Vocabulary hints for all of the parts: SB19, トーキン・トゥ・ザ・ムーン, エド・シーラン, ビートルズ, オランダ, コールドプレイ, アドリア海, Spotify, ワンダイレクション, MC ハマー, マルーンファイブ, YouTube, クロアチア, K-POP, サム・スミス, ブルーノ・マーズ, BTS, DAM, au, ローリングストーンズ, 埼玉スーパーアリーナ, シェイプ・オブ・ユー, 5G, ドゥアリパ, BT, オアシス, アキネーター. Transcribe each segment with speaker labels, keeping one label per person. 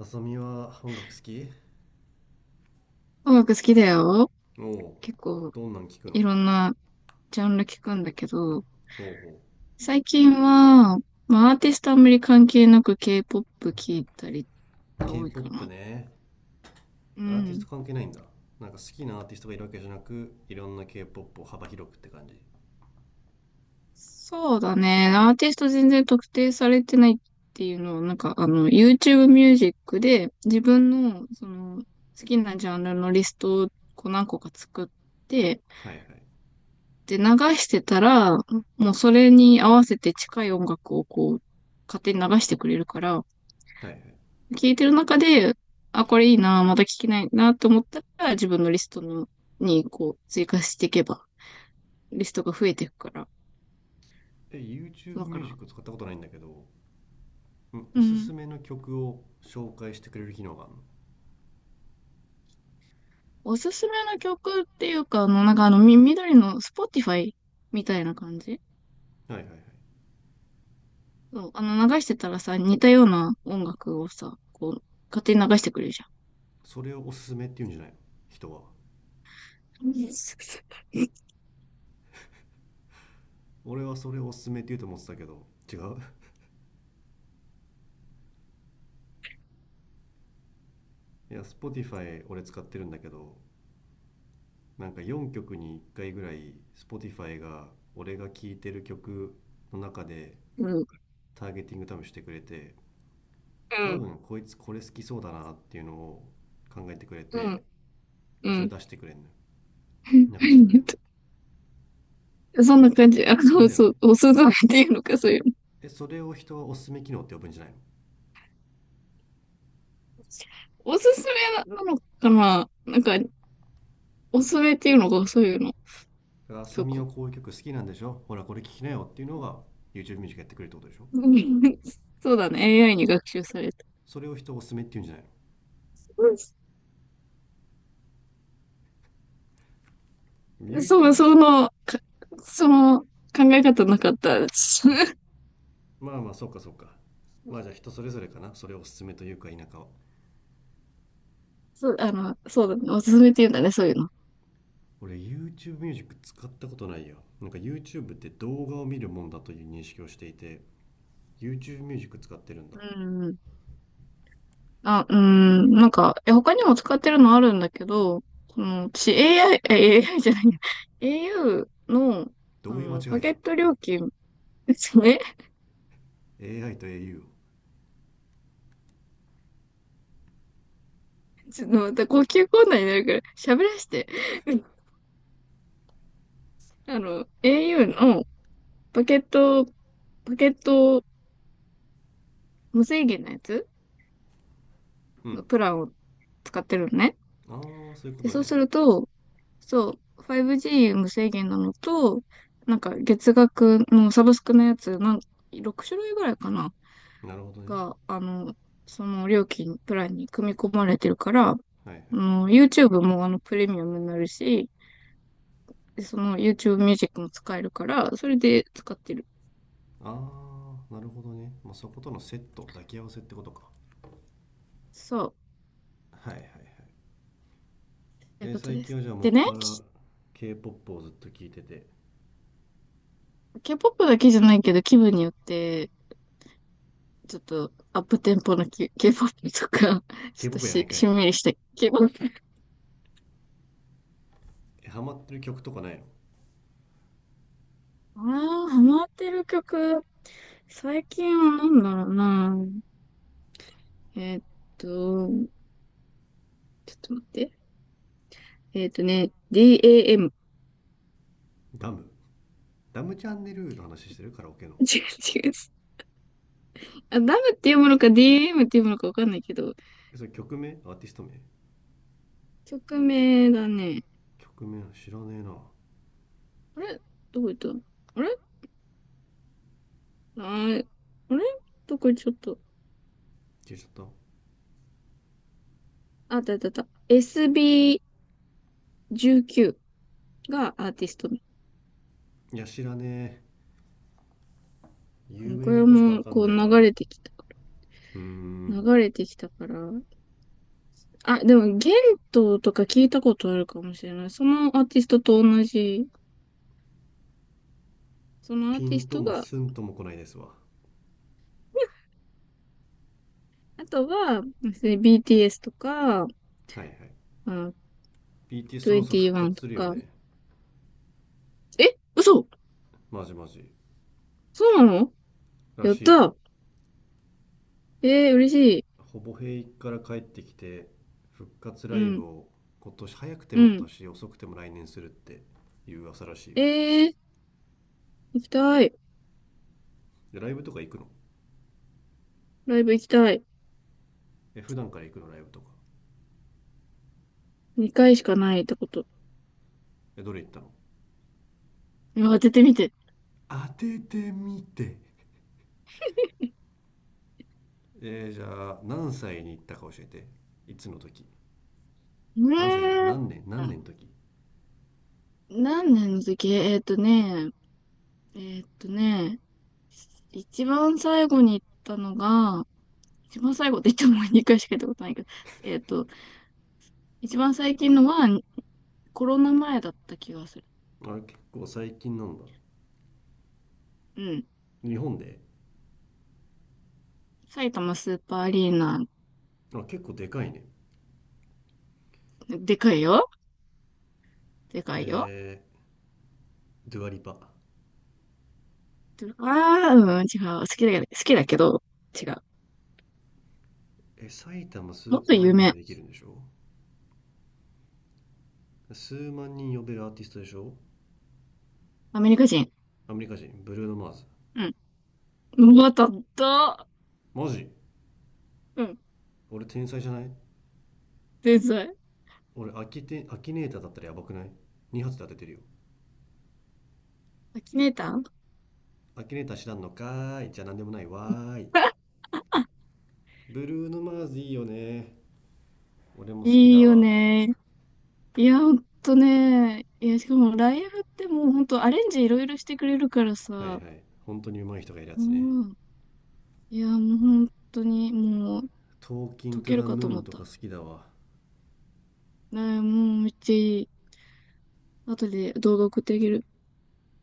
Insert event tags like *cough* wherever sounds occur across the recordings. Speaker 1: あさみは音楽好き？
Speaker 2: 音楽好きだよ。
Speaker 1: おお。
Speaker 2: 結構
Speaker 1: どんなん聞くの？
Speaker 2: いろんなジャンル聞くんだけど、
Speaker 1: ほうほ
Speaker 2: 最近は、アーティストあんまり関係なく K-POP 聞いたり
Speaker 1: う。
Speaker 2: が多いか
Speaker 1: K-POP
Speaker 2: な。
Speaker 1: ね。
Speaker 2: う
Speaker 1: アーティスト
Speaker 2: ん。
Speaker 1: 関係ないんだ。なんか好きなアーティストがいるわけじゃなく、いろんな K-POP を幅広くって感じ？
Speaker 2: そうだね。アーティスト全然特定されてないっていうのは、YouTube ミュージックで自分のその好きなジャンルのリストをこう何個か作って、
Speaker 1: はいはい。
Speaker 2: で、流してたら、もうそれに合わせて近い音楽をこう、勝手に流してくれるから、
Speaker 1: はいはい。
Speaker 2: 聞いてる中で、あ、これいいな、まだ聞きないなと思ったら、自分のリストのにこう追加していけば、リストが増えていくから。
Speaker 1: え、 YouTube
Speaker 2: だか
Speaker 1: ミュージ
Speaker 2: ら、
Speaker 1: ック使ったことないんだけど、んお
Speaker 2: う
Speaker 1: すす
Speaker 2: ん。
Speaker 1: めの曲を紹介してくれる機能がある
Speaker 2: おすすめの曲っていうか、緑の Spotify みたいな感じ。
Speaker 1: の？はいはいはい。
Speaker 2: そう、あの、流してたらさ、似たような音楽をさ、こう、勝手に流してくれるじ
Speaker 1: それをおすすめって言うんじゃないの、人は？
Speaker 2: ゃん。
Speaker 1: 俺はそれをおすすめって言うと思ってたけど、違う？ *laughs* いや、 Spotify 俺使ってるんだけど、なんか4曲に1回ぐらい Spotify が、俺が聴いてる曲の中で
Speaker 2: うん。
Speaker 1: ターゲティング多分してくれて、
Speaker 2: う
Speaker 1: 多
Speaker 2: ん。
Speaker 1: 分こいつこれ好きそうだなっていうのを考えてくれ
Speaker 2: う
Speaker 1: て、
Speaker 2: ん。う
Speaker 1: でそれ
Speaker 2: ん。
Speaker 1: 出してくれんのよ。流してくれんの
Speaker 2: *laughs*
Speaker 1: よ。
Speaker 2: そんな感じ。あ
Speaker 1: それ
Speaker 2: の、
Speaker 1: だよね。
Speaker 2: そう、おすすめっていうのか、そういうの。
Speaker 1: え、それを人はおすすめ機能って呼ぶんじゃないの？
Speaker 2: おすすめなのかな、おすすめっていうのがそういうの。
Speaker 1: だから、浅
Speaker 2: そう
Speaker 1: 見
Speaker 2: か。
Speaker 1: は
Speaker 2: *laughs*
Speaker 1: こういう曲好きなんでしょ、ほらこれ聴きなよっていうのが YouTube ミュージックやってくれるってことでしょ？
Speaker 2: うん。そうだね。AI に学習された。
Speaker 1: それを人おすすめって言うんじゃないの？
Speaker 2: うん。そう、
Speaker 1: YouTube。
Speaker 2: その考え方なかったです。
Speaker 1: まあまあ、そうかそうか。まあじゃあ
Speaker 2: *laughs*
Speaker 1: 人それぞれかな、それをおすすめというか否かは。
Speaker 2: そう、あの、そうだね。おすすめっていうんだね、そういうの。
Speaker 1: 俺 YouTube ミュージック使ったことないよ。なんか YouTube って動画を見るもんだという認識をしていて、 YouTube ミュージック使ってるんだ。
Speaker 2: うん。あ、うん。なんか、え、他にも使ってるのあるんだけど、その、私 AI、AI じゃないや、au の、
Speaker 1: ど
Speaker 2: あ
Speaker 1: ういう間違
Speaker 2: の、
Speaker 1: い
Speaker 2: パ
Speaker 1: だ
Speaker 2: ケ
Speaker 1: よ。
Speaker 2: ット料金ですね。
Speaker 1: AI と au を。
Speaker 2: *laughs*。ちょっとまた呼吸困難になるから、喋らして。*laughs* うん。あの、au の、バケット、バケット無制限のやつ
Speaker 1: う
Speaker 2: の
Speaker 1: ん。
Speaker 2: プランを使ってるのね。
Speaker 1: ああ、そういうこ
Speaker 2: で、
Speaker 1: と
Speaker 2: そうす
Speaker 1: ね。
Speaker 2: ると、そう、5G 無制限なのと、なんか月額のサブスクのやつ、6種類ぐらいかな、
Speaker 1: なるほどね。
Speaker 2: が、あの、その料金、プランに組み込まれてるから、あ
Speaker 1: はいはい。
Speaker 2: の、YouTube もあのプレミアムになるし、で、その YouTube ミュージックも使えるから、それで使ってる。
Speaker 1: ああなるほどね、まあ、そことのセット抱き合わせってことか。
Speaker 2: そう、
Speaker 1: はいはいはい、
Speaker 2: という
Speaker 1: えー
Speaker 2: こと
Speaker 1: 最
Speaker 2: で
Speaker 1: 近
Speaker 2: す。
Speaker 1: はじゃあも
Speaker 2: で
Speaker 1: っ
Speaker 2: ね、
Speaker 1: ぱら
Speaker 2: き
Speaker 1: k p o p をずっと聴いてて、
Speaker 2: K-POP だけじゃないけど気分によってちょっとアップテンポの K-POP とか、*laughs* ちょ
Speaker 1: k
Speaker 2: っ
Speaker 1: p
Speaker 2: と
Speaker 1: o p やない
Speaker 2: し、
Speaker 1: か
Speaker 2: し
Speaker 1: い。
Speaker 2: んみりした K-POP。
Speaker 1: え、ハマってる曲とかないの？
Speaker 2: ああ、ハマってる曲。最近は何だろうな。えーっちょっと待って。ね、DAM。*laughs* 違う
Speaker 1: ダム。ダムチャンネルの話してる？カラオケの？
Speaker 2: 違う。あ、ダムっていうものか DAM っていうものかわかんないけど、
Speaker 1: え、それ曲名？アーティスト名？
Speaker 2: 曲名だね。
Speaker 1: 曲名知らねえな。
Speaker 2: あれどこ行ったあれあーあれどこ行っちゃったあ、
Speaker 1: 消えちゃっ
Speaker 2: あったあったあった。SB19 がアーティスト
Speaker 1: た？いや知らねえ。有
Speaker 2: こ
Speaker 1: 名ど
Speaker 2: れ
Speaker 1: こしかわ
Speaker 2: も、
Speaker 1: かん
Speaker 2: こう
Speaker 1: ねえ
Speaker 2: 流
Speaker 1: な。
Speaker 2: れてきた。
Speaker 1: うーん。
Speaker 2: 流れてきたから。あ、でも、ゲントとか聞いたことあるかもしれない。そのアーティストと同じ。そのアー
Speaker 1: ピ
Speaker 2: ティ
Speaker 1: ン
Speaker 2: ス
Speaker 1: と
Speaker 2: ト
Speaker 1: も
Speaker 2: が、
Speaker 1: スンとも来ないですわ。
Speaker 2: あとは、で BTS とか、あ、
Speaker 1: はいはい、 BT そろそろ復
Speaker 2: 21
Speaker 1: 活
Speaker 2: と
Speaker 1: するよ
Speaker 2: か。
Speaker 1: ね。
Speaker 2: え、嘘
Speaker 1: マジマジ。
Speaker 2: そうなの
Speaker 1: ら
Speaker 2: やっ
Speaker 1: しいよ。
Speaker 2: たえー、嬉しい。
Speaker 1: ほぼ平役から帰ってきて、復活
Speaker 2: う
Speaker 1: ライブ
Speaker 2: ん、
Speaker 1: を今年、早くて
Speaker 2: う
Speaker 1: も今
Speaker 2: ん。
Speaker 1: 年、遅くても来年するっていう噂らしいよ。
Speaker 2: えー、行きたい。
Speaker 1: でライブとか行くの？
Speaker 2: ライブ行きたい。
Speaker 1: え、普段から行くのライブとか？
Speaker 2: 2回しかないってこと。
Speaker 1: え、どれ行ったの？
Speaker 2: 当ててみて。
Speaker 1: 当ててみて？えーじゃあ何歳に行ったか教えて。いつの時？
Speaker 2: ね
Speaker 1: 何歳じゃん、何年、
Speaker 2: え
Speaker 1: 何
Speaker 2: ー、
Speaker 1: 年の時。
Speaker 2: 何年の時えーっとね、ね、一番最後に行ったのが、一番最後って言っても2回しか行ったことないけど、えーっと、一番最近のはコロナ前だった気がする。
Speaker 1: あれ、結構最近なんだ。
Speaker 2: うん。
Speaker 1: 日本で？
Speaker 2: 埼玉スーパーアリーナ、
Speaker 1: あ、結構でかいね。
Speaker 2: でかいよ。でか
Speaker 1: え
Speaker 2: いよ。
Speaker 1: ー、ドゥアリパ。
Speaker 2: ああ、うん、違う。好きだけど、好きだけど、違う。
Speaker 1: え、埼玉ス
Speaker 2: もっ
Speaker 1: ー
Speaker 2: と
Speaker 1: パーア
Speaker 2: 有
Speaker 1: リーナで
Speaker 2: 名。
Speaker 1: できるんでしょ？数万人呼べるアーティストでしょ？
Speaker 2: アメリカ人。
Speaker 1: アメリカ人、ブルーノ・マーズ。
Speaker 2: うん。うまたった。
Speaker 1: マジ？
Speaker 2: うん。
Speaker 1: 俺天才じゃない？
Speaker 2: 天才。
Speaker 1: 俺アキテアキネーターだったらやばくない？ 2 発で当ててるよ。
Speaker 2: アキネーター。
Speaker 1: アキネーター知らんのかーい、じゃあ何でもないわーい。
Speaker 2: *laughs*
Speaker 1: ブルーノ・マーズいいよね。俺も好き
Speaker 2: いい
Speaker 1: だ
Speaker 2: よ
Speaker 1: わ。
Speaker 2: ね。いや、ほんとね。いや、しかもライブってもうほんとアレンジいろいろしてくれるから
Speaker 1: はいはい、
Speaker 2: さ。
Speaker 1: 本当に上手い人がいるや
Speaker 2: う
Speaker 1: つね
Speaker 2: ん。いや、もうほんとにもう
Speaker 1: 「トーキン・
Speaker 2: 解
Speaker 1: トゥ・
Speaker 2: ける
Speaker 1: ザ・
Speaker 2: か
Speaker 1: ム
Speaker 2: と
Speaker 1: ー
Speaker 2: 思
Speaker 1: ン」
Speaker 2: っ
Speaker 1: と
Speaker 2: た。
Speaker 1: か好きだわ。
Speaker 2: ね、もうめっちゃいい。後で動画送ってあげる。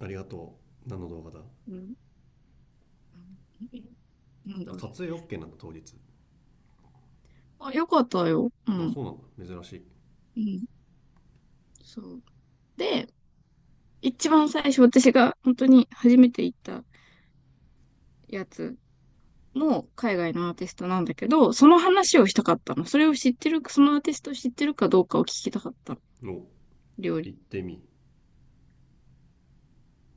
Speaker 1: ありがとう。何の動画だ？
Speaker 2: うん。*laughs* うん。なんだ
Speaker 1: あ、
Speaker 2: ろう
Speaker 1: 撮
Speaker 2: ね。
Speaker 1: 影 OK なんだ、当日。
Speaker 2: あ、よかったよ。う
Speaker 1: あ、
Speaker 2: ん。
Speaker 1: そうなんだ、珍しい。
Speaker 2: うん。そう。で、一番最初私が本当に初めて行ったやつも海外のアーティストなんだけど、その話をしたかったの。それを知ってる、そのアーティストを知ってるかどうかを聞きたかったの。
Speaker 1: お。
Speaker 2: 料理
Speaker 1: 行ってみ。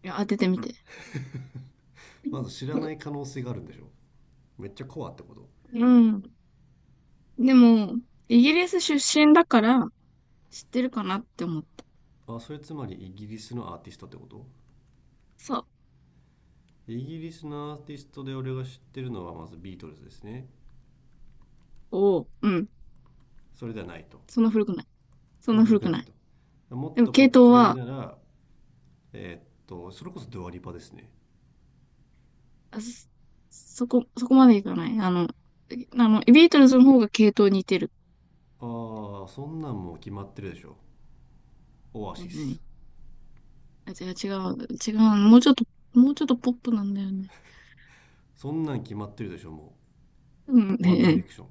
Speaker 2: いや当ててみて。
Speaker 1: まず知らない可能性があるんでしょ？めっちゃコアってこと？
Speaker 2: うん。でも、イギリス出身だから知ってるかなって思った。
Speaker 1: あ、それつまりイギリスのアーティストってこと？
Speaker 2: そう。
Speaker 1: イギリスのアーティストで俺が知ってるのはまずビートルズですね。
Speaker 2: おお、うん。
Speaker 1: それではないと。
Speaker 2: そんな古くない。そ
Speaker 1: そ
Speaker 2: ん
Speaker 1: んな
Speaker 2: な
Speaker 1: 古
Speaker 2: 古
Speaker 1: く
Speaker 2: く
Speaker 1: ない
Speaker 2: ない。
Speaker 1: と。も
Speaker 2: で
Speaker 1: っ
Speaker 2: も
Speaker 1: とこ
Speaker 2: 系
Speaker 1: っ
Speaker 2: 統
Speaker 1: ち寄り
Speaker 2: は、
Speaker 1: なら、えーっとそれこそドアリパですね。
Speaker 2: あそ、そこまでいかない。あの、ビートルズの方が系統似てる。
Speaker 1: ああ、そんなんもう決まってるでしょ、オア
Speaker 2: ねえ
Speaker 1: シ
Speaker 2: ね
Speaker 1: ス。
Speaker 2: えあ、違う。もうちょっと、もうちょっとポップなんだよね。
Speaker 1: そんなん決まってるでしょ、も
Speaker 2: うん、*laughs*
Speaker 1: うワ
Speaker 2: ね
Speaker 1: ン
Speaker 2: え
Speaker 1: ダイ
Speaker 2: ね
Speaker 1: レクショ
Speaker 2: え
Speaker 1: ン。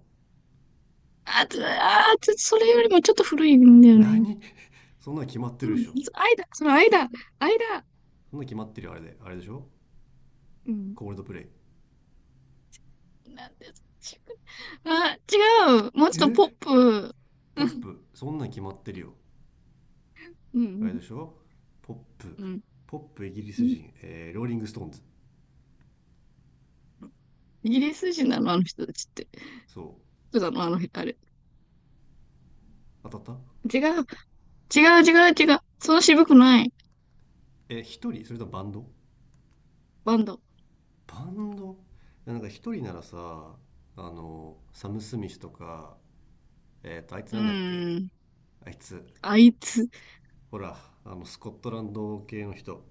Speaker 2: あ、つそれよりもちょっと古いんだよね。
Speaker 1: 何？ *laughs* そんなの決まって
Speaker 2: う
Speaker 1: るで
Speaker 2: ん、
Speaker 1: しょ。
Speaker 2: 間、その間、間。
Speaker 1: そんなの決まってるよ、あれであれでしょ、
Speaker 2: うん。
Speaker 1: コールドプレイ。
Speaker 2: なんですちくあ、違う。もうちょっとポ
Speaker 1: え、
Speaker 2: ップ。
Speaker 1: ポ
Speaker 2: う
Speaker 1: ッ
Speaker 2: ん。
Speaker 1: プ？そんなの決まってるよ、
Speaker 2: う
Speaker 1: あ
Speaker 2: ん。
Speaker 1: れでしょ、ポップ。
Speaker 2: うん。
Speaker 1: ポップ、イギリス人、えーローリングストーンズ。
Speaker 2: イギリス人なの、あの人たちって。
Speaker 1: そう？
Speaker 2: そうなの、あの、あれ。
Speaker 1: 当たった？
Speaker 2: 違う。違う。そう渋くない。
Speaker 1: え、一人それともバンド？
Speaker 2: バンド。
Speaker 1: バンド。なんか一人ならさ、あの、サム・スミスとか。えっ、と、あいつ
Speaker 2: う
Speaker 1: なんだっけ、
Speaker 2: ーん。
Speaker 1: あいつ、
Speaker 2: あいつ。
Speaker 1: ほら、あのスコットランド系の人、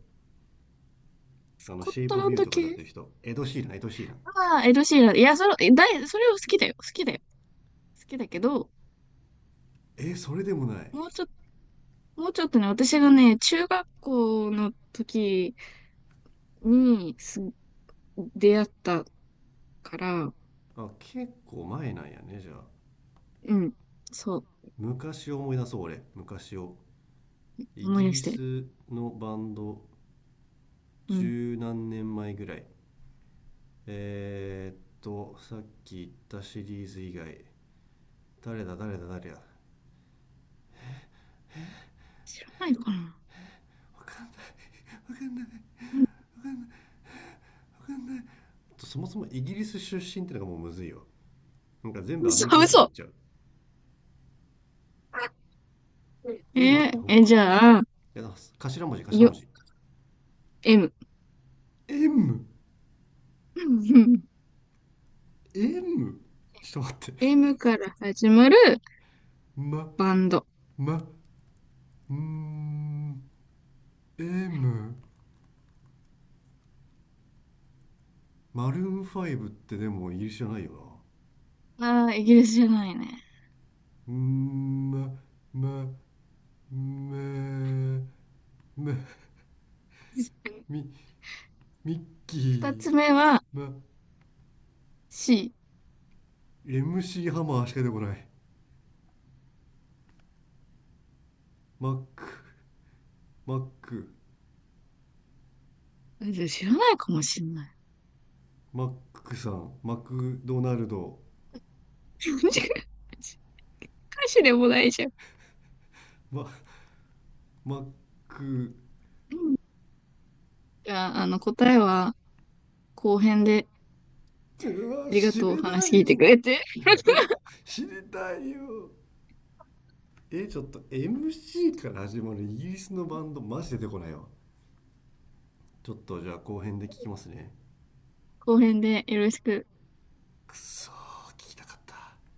Speaker 2: ス
Speaker 1: あの
Speaker 2: コッ
Speaker 1: シェイ
Speaker 2: ト
Speaker 1: プ・オブ・
Speaker 2: ラン
Speaker 1: ユー
Speaker 2: ド
Speaker 1: とかだっ
Speaker 2: 系
Speaker 1: てる人、エド・シーラン、エド・シーラン。
Speaker 2: ああー、エド・シーラン。いや、それ、えだい、それを好きだよ。好きだよ。好きだけど、
Speaker 1: えー、それでもない。
Speaker 2: もうちょっもうちょっとね、私がね、中学校の時にす出会ったから、
Speaker 1: あ、結構前なんやね、じゃあ。
Speaker 2: うん。そう。
Speaker 1: 昔を思い出そう、俺。昔を。イ
Speaker 2: 思い
Speaker 1: ギ
Speaker 2: 出
Speaker 1: リ
Speaker 2: して。
Speaker 1: スのバンド、
Speaker 2: うん。
Speaker 1: 十何年前ぐらい。えーっと、さっき言ったシリーズ以外、誰だ、誰だ、誰だ。わ
Speaker 2: 知らないかな。
Speaker 1: かんない、わかんない、わ
Speaker 2: *laughs* うん。
Speaker 1: かんない。そもそもイギリス出身ってのがもうむずいよ。なんか全部アメリカだと思っ
Speaker 2: 嘘。
Speaker 1: ちゃう。
Speaker 2: え
Speaker 1: え、待って、
Speaker 2: ーえ、
Speaker 1: 他
Speaker 2: じ
Speaker 1: にいる？
Speaker 2: ゃあ、
Speaker 1: いや、だ、頭文字、頭
Speaker 2: よ、
Speaker 1: 文字。
Speaker 2: M。
Speaker 1: M、
Speaker 2: *laughs*
Speaker 1: M。ちょっと待って。
Speaker 2: M から始まる
Speaker 1: ま、
Speaker 2: バンド。
Speaker 1: ま、んー、 M、 マルーンファイブってでもイギリスじゃないよ。
Speaker 2: ああ、イギリスじゃないね。
Speaker 1: なんー、ま、ま、め、め、み、ミッキ
Speaker 2: 二
Speaker 1: ー。
Speaker 2: つ目は
Speaker 1: ま、
Speaker 2: C。
Speaker 1: MC ハマーしか出てこない。マック、マック、
Speaker 2: 知らないかもしんない。
Speaker 1: マックさん、マクドナルド。
Speaker 2: *laughs* 歌詞でもないじゃん。
Speaker 1: マ、マック。
Speaker 2: じゃあ、あの、答えは後編で、
Speaker 1: うわ、
Speaker 2: ありが
Speaker 1: 知
Speaker 2: とう、お
Speaker 1: れな
Speaker 2: 話
Speaker 1: い
Speaker 2: 聞いてく
Speaker 1: よ。
Speaker 2: れて。*laughs*
Speaker 1: 知りたいよ。え、ちょっと MC から始まるイギリスのバンド、マジ出てこないわ。ちょっとじゃあ後編で聞きますね。
Speaker 2: 後編でよろしく。
Speaker 1: くそー、聞きたかった。